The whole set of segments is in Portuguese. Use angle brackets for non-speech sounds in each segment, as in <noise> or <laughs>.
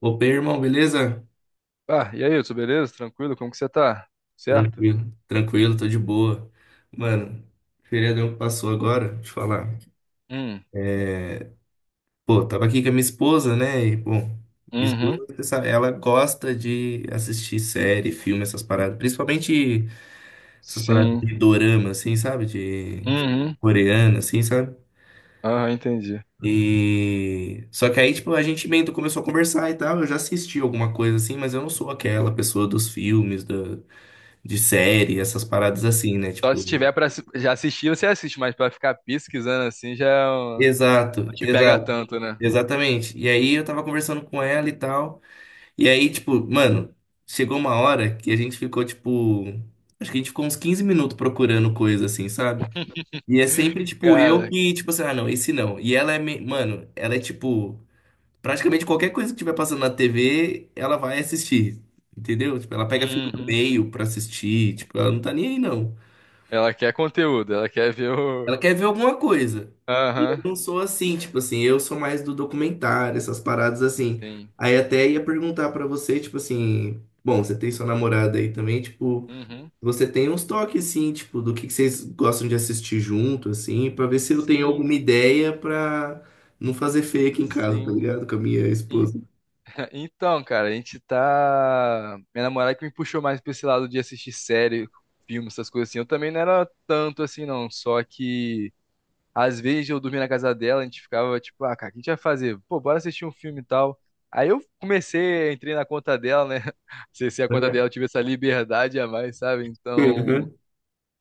Opa, aí, irmão, beleza? Ah, e aí, Hudson, beleza? Tranquilo? Como que você tá? Certo? Tranquilo, tranquilo, tô de boa. Mano, feriadão que passou agora, deixa eu falar. Hum, Pô, tava aqui com a minha esposa, né? E, pô, minha uhum, esposa, você sabe, ela gosta de assistir série, filme, essas paradas. Principalmente essas paradas sim, de dorama, assim, sabe? De uhum, coreana, assim, sabe? aham, entendi. E. Só que aí, tipo, a gente meio que começou a conversar e tal. Eu já assisti alguma coisa assim, mas eu não sou aquela pessoa dos filmes, da de série, essas paradas assim, né? Só se Tipo. tiver pra já assistir, você assiste, mas pra ficar pesquisando assim não Exato, te pega exato, tanto, né? exatamente. E aí eu tava conversando com ela e tal. E aí, tipo, mano, chegou uma hora que a gente ficou, tipo, acho que a gente ficou uns 15 minutos procurando coisa assim, sabe? <laughs> E é sempre, tipo, eu Cara, que, tipo assim, ah, não, esse não. E ela mano, ela é tipo, praticamente qualquer coisa que tiver passando na TV, ela vai assistir, entendeu? Tipo, ela pega filme no uhum. meio pra assistir, tipo, ela não tá nem aí, não. Ela quer conteúdo, ela quer ver o. Ela quer ver alguma coisa. Aham, Não sou assim, tipo assim, eu sou mais do documentário, essas paradas assim. sim, Aí até ia perguntar pra você, tipo assim, bom, você tem sua namorada aí também, tipo, uhum, você tem uns toques assim, tipo, do que vocês gostam de assistir junto, assim, pra ver se eu tenho sim, alguma ideia pra não fazer feio aqui em casa, tá ligado? Com a minha sim. esposa. Então, cara, a gente tá. Minha namorada que me puxou mais pra esse lado de assistir série, filme, essas coisas assim. Eu também não era tanto assim, não. Só que às vezes eu dormia na casa dela, a gente ficava tipo, ah, cara, o que a gente vai fazer? Pô, bora assistir um filme e tal. Aí eu comecei, entrei na conta dela, né? <laughs> Acessei a conta Uhum. dela, eu <laughs> tive essa liberdade a mais, sabe? Então. Uhum.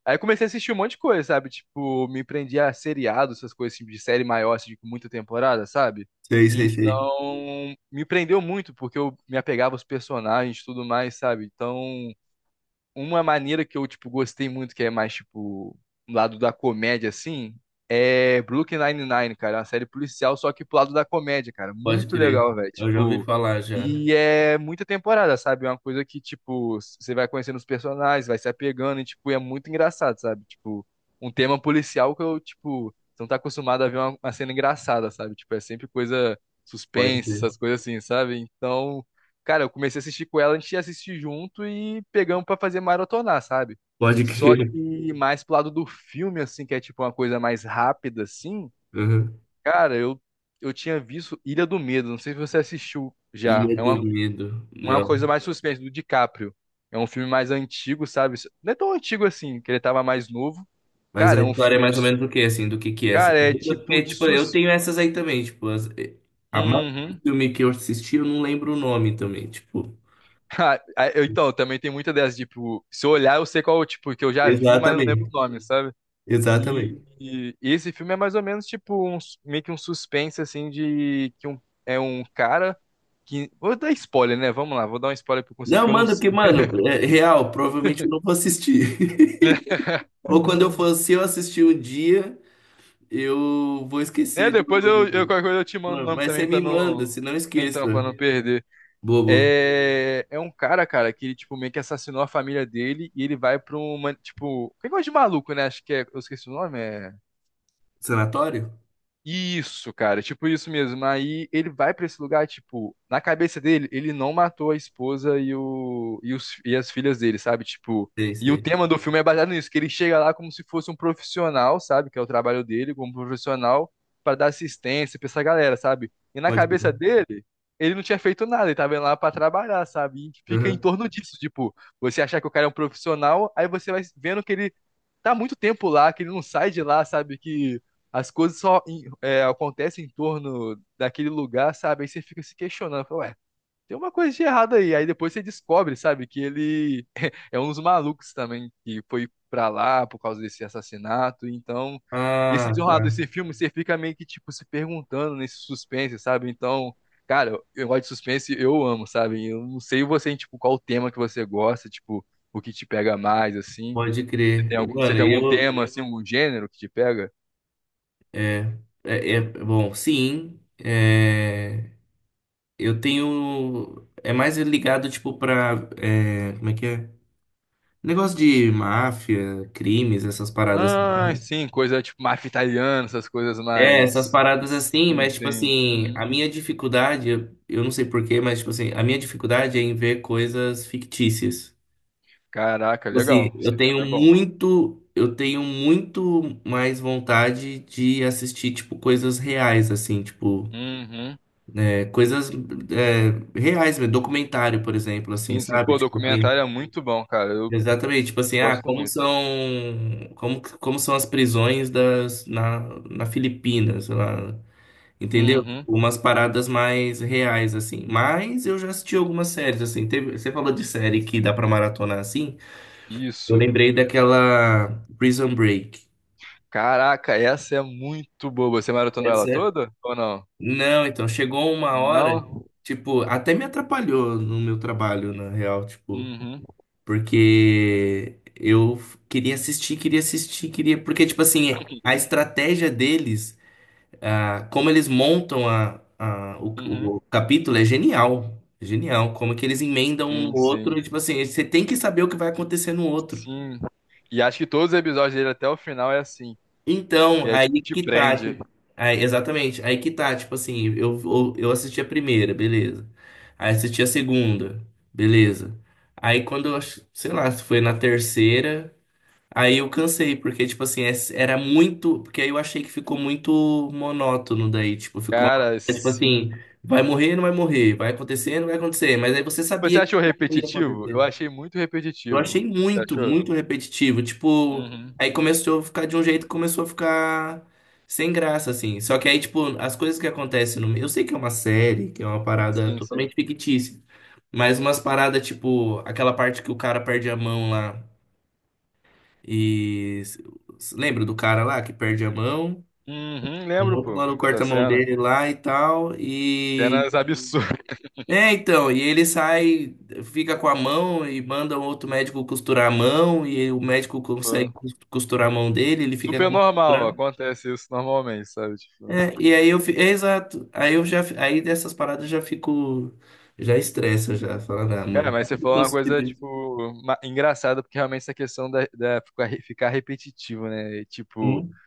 Aí eu comecei a assistir um monte de coisa, sabe? Tipo, me prendi a seriado, essas coisas tipo, de série maior, assim, com muita temporada, sabe? Sei, sei, sei. Então, me prendeu muito, porque eu me apegava aos personagens e tudo mais, sabe? Então, uma maneira que eu, tipo, gostei muito, que é mais, tipo, um lado da comédia, assim, é Brooklyn Nine-Nine, cara. É uma série policial, só que pro lado da comédia, cara. Pode Muito crer. legal, velho. Eu já ouvi Tipo, falar já. e é muita temporada, sabe? É uma coisa que, tipo, você vai conhecendo os personagens, vai se apegando e, tipo, é muito engraçado, sabe? Tipo, um tema policial que eu, tipo, você não tá acostumado a ver uma cena engraçada, sabe? Tipo, é sempre coisa Pode suspense, crer. essas coisas assim, sabe? Então, cara, eu comecei a assistir com ela, a gente ia assistir junto e pegamos pra fazer maratonar, sabe? Pode Só crer. que mais pro lado do filme, assim, que é tipo uma coisa mais rápida, assim. Uhum. Cara, eu tinha visto Ilha do Medo, não sei se você assistiu já. Ilha É do uma, Medo. uma coisa mais suspense, do DiCaprio. É um filme mais antigo, sabe? Não é tão antigo assim, que ele tava mais novo. Mas Cara, a é um história é filme de. mais ou menos do que, assim, do que é, assim. Cara, é tipo Porque, de tipo, eu sus. tenho essas aí também, tipo, a mais do Uhum. <laughs> filme que eu assisti, eu não lembro o nome também, tipo. Então, também tem muita dessas, tipo, se eu olhar, eu sei qual, tipo, que eu já vi, mas não lembro o Exatamente, nome, sabe? E, exatamente. e esse filme é mais ou menos tipo um, meio que um suspense assim de que um, é um cara que vou dar spoiler, né? Vamos lá, vou dar um spoiler pra eu conseguir Não, que eu não mano, sei. porque, mano, é real, provavelmente eu não vou assistir. <laughs> <laughs> Ou quando eu Uhum. for, se eu assistir um dia, eu vou É, esquecer do... depois eu do- qualquer coisa eu te mando o nome Mas você também me pra manda, não se não então para esqueça. não perder. Bobo. É, um cara, cara, que ele tipo meio que assassinou a família dele e ele vai pra uma tipo, que coisa de maluco, né? Acho que é, eu esqueci o nome, é. Sanatório? Isso, cara, tipo isso mesmo. Aí ele vai pra esse lugar, tipo, na cabeça dele, ele não matou a esposa e as filhas dele, sabe? Tipo, Sei, e o sei. tema do filme é baseado nisso, que ele chega lá como se fosse um profissional, sabe? Que é o trabalho dele, como profissional, pra dar assistência pra essa galera, sabe? E na Pode cabeça crer. dele, ele não tinha feito nada, ele tava indo lá pra trabalhar, sabe? E fica em Uhum. torno disso, tipo, você achar que o cara é um profissional, aí você vai vendo que ele tá muito tempo lá, que ele não sai de lá, sabe? Que as coisas só acontecem em torno daquele lugar, sabe? Aí você fica se questionando, fala, ué, tem uma coisa de errado aí. Aí depois você descobre, sabe, que ele <laughs> é um dos malucos também que foi pra lá por causa desse assassinato. Então, esse Ah, desenrolar tá. desse filme, você fica meio que, tipo, se perguntando nesse suspense, sabe? Então, cara, eu gosto de suspense, eu amo, sabe? Eu não sei você, tipo, qual o tema que você gosta, tipo, o que te pega mais, assim. Pode Você crer. tem algum, você Mano, tem algum eu, tema, assim, algum gênero que te pega? Bom, sim. Eu tenho. É mais ligado, tipo, como é que é? Negócio de máfia, crimes, essas paradas, assim, Ah, né? sim, coisa tipo máfia italiana, essas coisas É, essas mais. paradas assim, Sim, mas, tipo sim. assim, a Uhum. minha dificuldade, eu não sei porquê, mas, tipo assim, a minha dificuldade é em ver coisas fictícias. Caraca, Tipo assim, legal. eu Esse tema tenho é bom. muito. Eu tenho muito mais vontade de assistir, tipo, coisas reais, assim, tipo. Uhum. É, coisas é, reais, mesmo, documentário, por exemplo, assim, Sim, sim. sabe? Pô, Tipo assim, documentário é muito bom, cara. Eu exatamente, tipo assim, ah, gosto como muito. são, como são as prisões na Filipinas, sei lá, entendeu? Uhum. Umas paradas mais reais, assim. Mas eu já assisti algumas séries, assim, teve, você falou de série que dá pra maratonar, assim, eu Isso. lembrei daquela Prison Break. Caraca, essa é muito boa. Você maratonou ela Essa? toda? Ou não? Não, então, chegou uma hora, Não? tipo, até me atrapalhou no meu trabalho, na real, tipo... Uhum. Porque eu queria assistir, queria assistir, queria. Porque, tipo assim, a estratégia deles, ah, como eles montam Uhum. o capítulo é genial. É genial. Como que eles emendam um no Sim, sim. outro, e, tipo assim, você tem que saber o que vai acontecer no outro. Sim. E acho que todos os episódios dele até o final é assim. Então, E aí, tipo, aí te que tá. prende. Exatamente, aí que tá, tipo assim, eu assisti a primeira, beleza. Aí assisti a segunda, beleza. Aí quando eu, sei lá, se foi na terceira. Aí eu cansei, porque, tipo assim, era muito. Porque aí eu achei que ficou muito monótono daí. Tipo, ficou. Cara, Tipo sim. assim, vai morrer, não vai morrer. Vai acontecer, não vai acontecer. Mas aí você Você sabia que achou ia repetitivo? Eu acontecer. achei muito Eu achei repetitivo. Você muito, achou? muito repetitivo. Tipo, Uhum. aí começou a ficar de um jeito, que começou a ficar sem graça, assim. Só que aí, tipo, as coisas que acontecem no. meio- Eu sei que é uma série, que é uma parada Sim, sim. totalmente fictícia. Mas umas paradas, tipo, aquela parte que o cara perde a mão lá. E lembra do cara lá que perde a mão? Uhum, Um lembro, outro pô, mano dessa corta a mão cena. dele lá e tal. E. Cenas absurdas. É, então, e ele sai, fica com a mão e manda um outro médico costurar a mão. E o médico consegue Pô. costurar a mão dele, ele fica com a Super mão normal, costurada. acontece isso normalmente, sabe? Tipo, É, e aí É, exato. Aí Aí dessas paradas eu já fico. Já estressa, já. Falando, ah, cara, mano, por mas que você eu falou tô uma assistindo coisa, isso? tipo, engraçada, porque realmente essa questão da ficar repetitivo, né? E, tipo, Hum?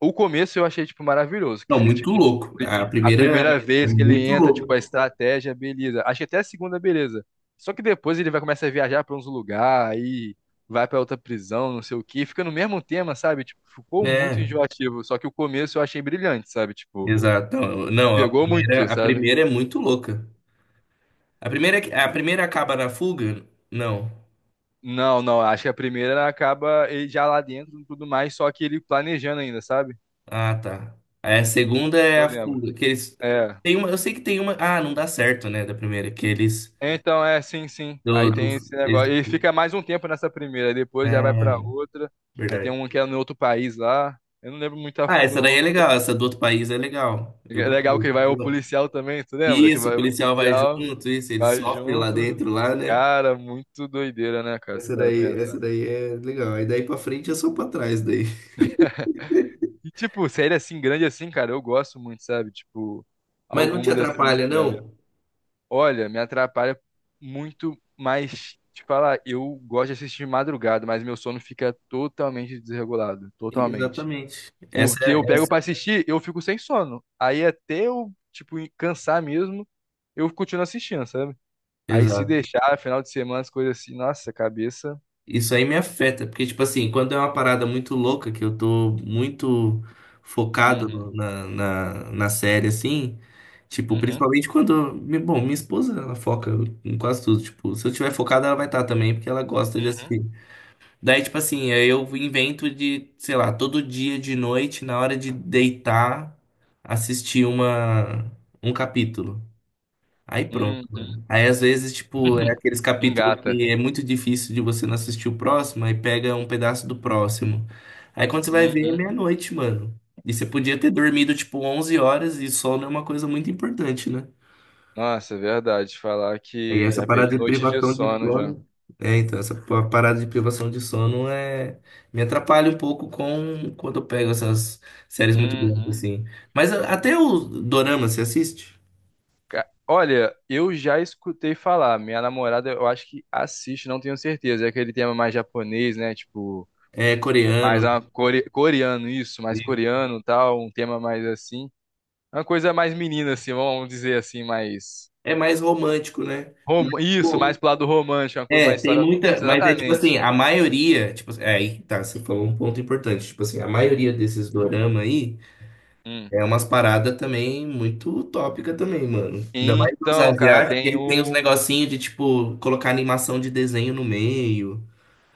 o começo eu achei, tipo, maravilhoso, que Não, você, muito tipo, louco. A a primeira. primeira É vez que ele muito entra, tipo, louco. a estratégia, beleza. Acho que até a segunda, beleza. Só que depois ele vai começar a viajar pra uns lugares, aí vai pra outra prisão, não sei o quê, fica no mesmo tema, sabe? Tipo, ficou muito É. enjoativo. Só que o começo eu achei brilhante, sabe? Tipo, Exato. Não, me não, a pegou muito, primeira, a sabe? primeira é muito louca. A primeira, a primeira acaba na fuga? Não. Não, não, acho que a primeira acaba ele já lá dentro e tudo mais, só que ele planejando ainda, sabe? Ah, tá. Aí a segunda é Eu a lembro. fuga, que eles É. tem uma, eu sei que tem uma, ah, não dá certo, né, da primeira, que eles Então, é, sim, sim. do, Aí tem do esse eles, negócio. E fica mais um tempo nessa primeira, depois já vai pra ah, outra. Aí tem verdade. um que é no outro país lá. Eu não lembro muito a Ah, fundo, essa daí não. é legal, essa do outro país é legal. Eu É gostei. legal que vai o Legal. policial também, tu lembra? Que Isso, o vai o policial vai policial, junto, isso, ele vai sofre lá junto. dentro lá, né? Cara, muito doideira, né, cara? Se parar pra pensar. Essa daí é legal. Aí daí pra frente é só pra trás daí. E, tipo, série assim, grande assim, cara, eu gosto muito, sabe? Tipo, Mas não te algumas assim, atrapalha, não? olha, me atrapalha muito, mas te falar, eu gosto de assistir de madrugada, mas meu sono fica totalmente desregulado, totalmente. Exatamente. Essa Porque é, eu pego pra assistir, eu fico sem sono. Aí até eu, tipo, cansar mesmo, eu continuo assistindo, sabe? Aí se exato. deixar, final de semana, as coisas assim, nossa, cabeça. Isso aí me afeta, porque, tipo assim, quando é uma parada muito louca, que eu tô muito focado Uhum, na série, assim, tipo, uhum, principalmente Bom, minha esposa, ela foca em quase tudo, tipo, se eu tiver focado, ela vai estar também, porque ela gosta de uhum, assistir. Daí, tipo assim, aí eu invento de, sei lá, todo dia de noite, na hora de deitar, assistir um capítulo. Aí pronto, uhum. mano. Aí às vezes, tipo, é aqueles <laughs> capítulos Engata. que é muito difícil de você não assistir o próximo, aí pega um pedaço do próximo. Aí quando você vai ver, é Uhum. meia-noite, mano. E você podia ter dormido, tipo, 11 horas e sono é uma coisa muito importante, né? Nossa, é verdade. Falar E que essa já perdi parada de noite de privação de sono já. sono. É, então, essa parada de privação de sono é... me atrapalha um pouco com quando eu pego essas séries muito grandes, Uhum. assim. Mas até o Dorama, você assiste? Olha, eu já escutei falar. Minha namorada, eu acho que assiste, não tenho certeza. É aquele tema mais japonês, né? Tipo, É mais coreano. a coreano, isso, mais coreano, tal, um tema mais assim. Uma coisa mais menina, assim, vamos dizer assim, mais. É mais romântico, né? Mas, Isso, mais tipo, pro lado romântico, uma coisa, uma tem história. muita. Isso, Mas é tipo assim, exatamente. a maioria. Tipo, aí tá, você falou um ponto importante. Tipo assim, a maioria desses dorama aí Hum. é umas paradas também muito utópica também, mano. Ainda mais os Então, cara, asiáticos, tem eles têm uns o. negocinhos de, tipo, colocar animação de desenho no meio.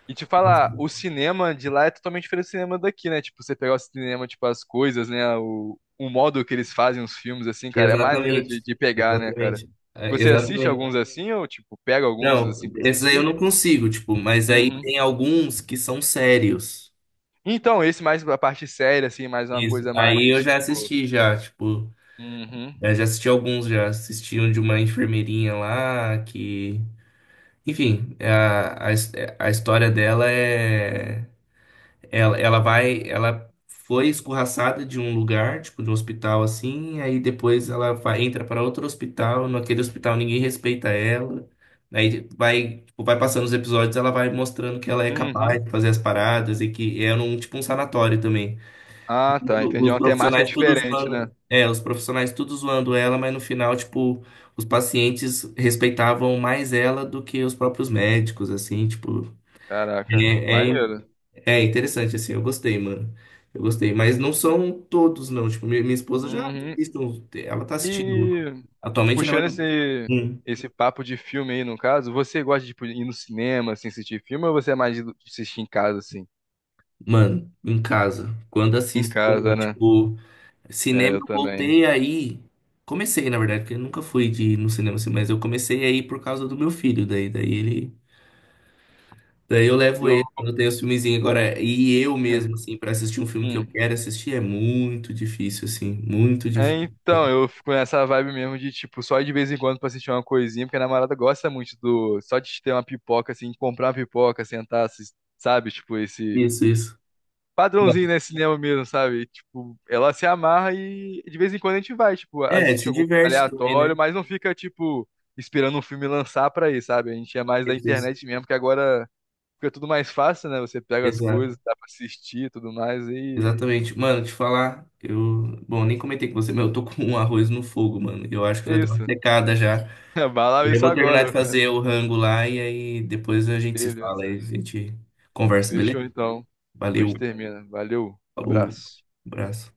E te Mas- falar, o cinema de lá é totalmente diferente do cinema daqui, né? Tipo, você pegar o cinema, tipo, as coisas, né? O modo que eles fazem os filmes, assim, cara, é maneiro Exatamente. de pegar, né, cara? Exatamente. É, Você assiste exatamente. alguns assim, ou, tipo, pega alguns Não, assim pra esses aí eu assistir? não consigo, tipo, mas aí tem Uhum. alguns que são sérios. Então, esse mais a parte séria, assim, mais uma Isso. coisa mais, Aí eu já tipo. assisti já, tipo. Uhum. Eu já assisti alguns, já assisti um de uma enfermeirinha lá que. Enfim, a história dela é. Ela vai. Ela foi escorraçada de um lugar, tipo, de um hospital assim, aí depois ela vai, entra para outro hospital, naquele hospital ninguém respeita ela. Aí vai, tipo, vai passando os episódios, ela vai mostrando que ela é Uhum. capaz de fazer as paradas e que é num tipo um sanatório também Ah, tá. Entendi. É Os uma temática profissionais tudo diferente, né? zoando. É, os profissionais tudo zoando ela, mas no final, tipo, os pacientes respeitavam mais ela do que os próprios médicos, assim, tipo. Caraca, É, é, maneiro. é interessante, assim, eu gostei, mano. Eu gostei. Mas não são todos, não. Tipo, minha esposa já Uhum. assiste, ela tá assistindo. E. Atualmente o Puxando negócio. esse, Hum, esse papo de filme aí, no caso, você gosta de tipo, ir no cinema, assim, assistir filme, ou você é mais de assistir em casa, assim? mano, em casa. Quando Em assisto casa, também, né? tipo. É, Cinema, eu eu também. voltei aí. Comecei, na verdade, porque eu nunca fui de ir no cinema assim, mas eu comecei aí por causa do meu filho. Daí ele. Daí eu levo Eu, ele quando eu tenho os filmezinhos agora. E eu mesmo, <laughs> assim, pra assistir um filme que eu hum. quero assistir é muito difícil, assim. Muito É, difícil. então, eu fico nessa vibe mesmo de, tipo, só ir de vez em quando pra assistir uma coisinha, porque a namorada gosta muito do. Só de ter uma pipoca, assim, comprar uma pipoca, sentar, sabe? Tipo, esse Isso, isso. padrãozinho, né, cinema mesmo, sabe? Tipo, ela se amarra e de vez em quando a gente vai, tipo, É, assiste se algum filme diverte também, aleatório, né? mas não fica, tipo, esperando um filme lançar pra ir, sabe? A gente é mais da Isso, isso. internet mesmo, que agora fica tudo mais fácil, né? Você pega as Exato. coisas, dá pra assistir e tudo mais, e Exatamente. Mano, te falar, eu. Bom, nem comentei com você, mas eu tô com um arroz no fogo, mano. Eu acho que é já deu uma isso. secada já. <laughs> Vai lá ver Eu isso vou terminar de agora. fazer o rango lá e aí depois a gente se fala e Beleza. a gente conversa, Fechou beleza? então. Depois a Valeu, gente termina. Valeu, falou, abraço. abraço.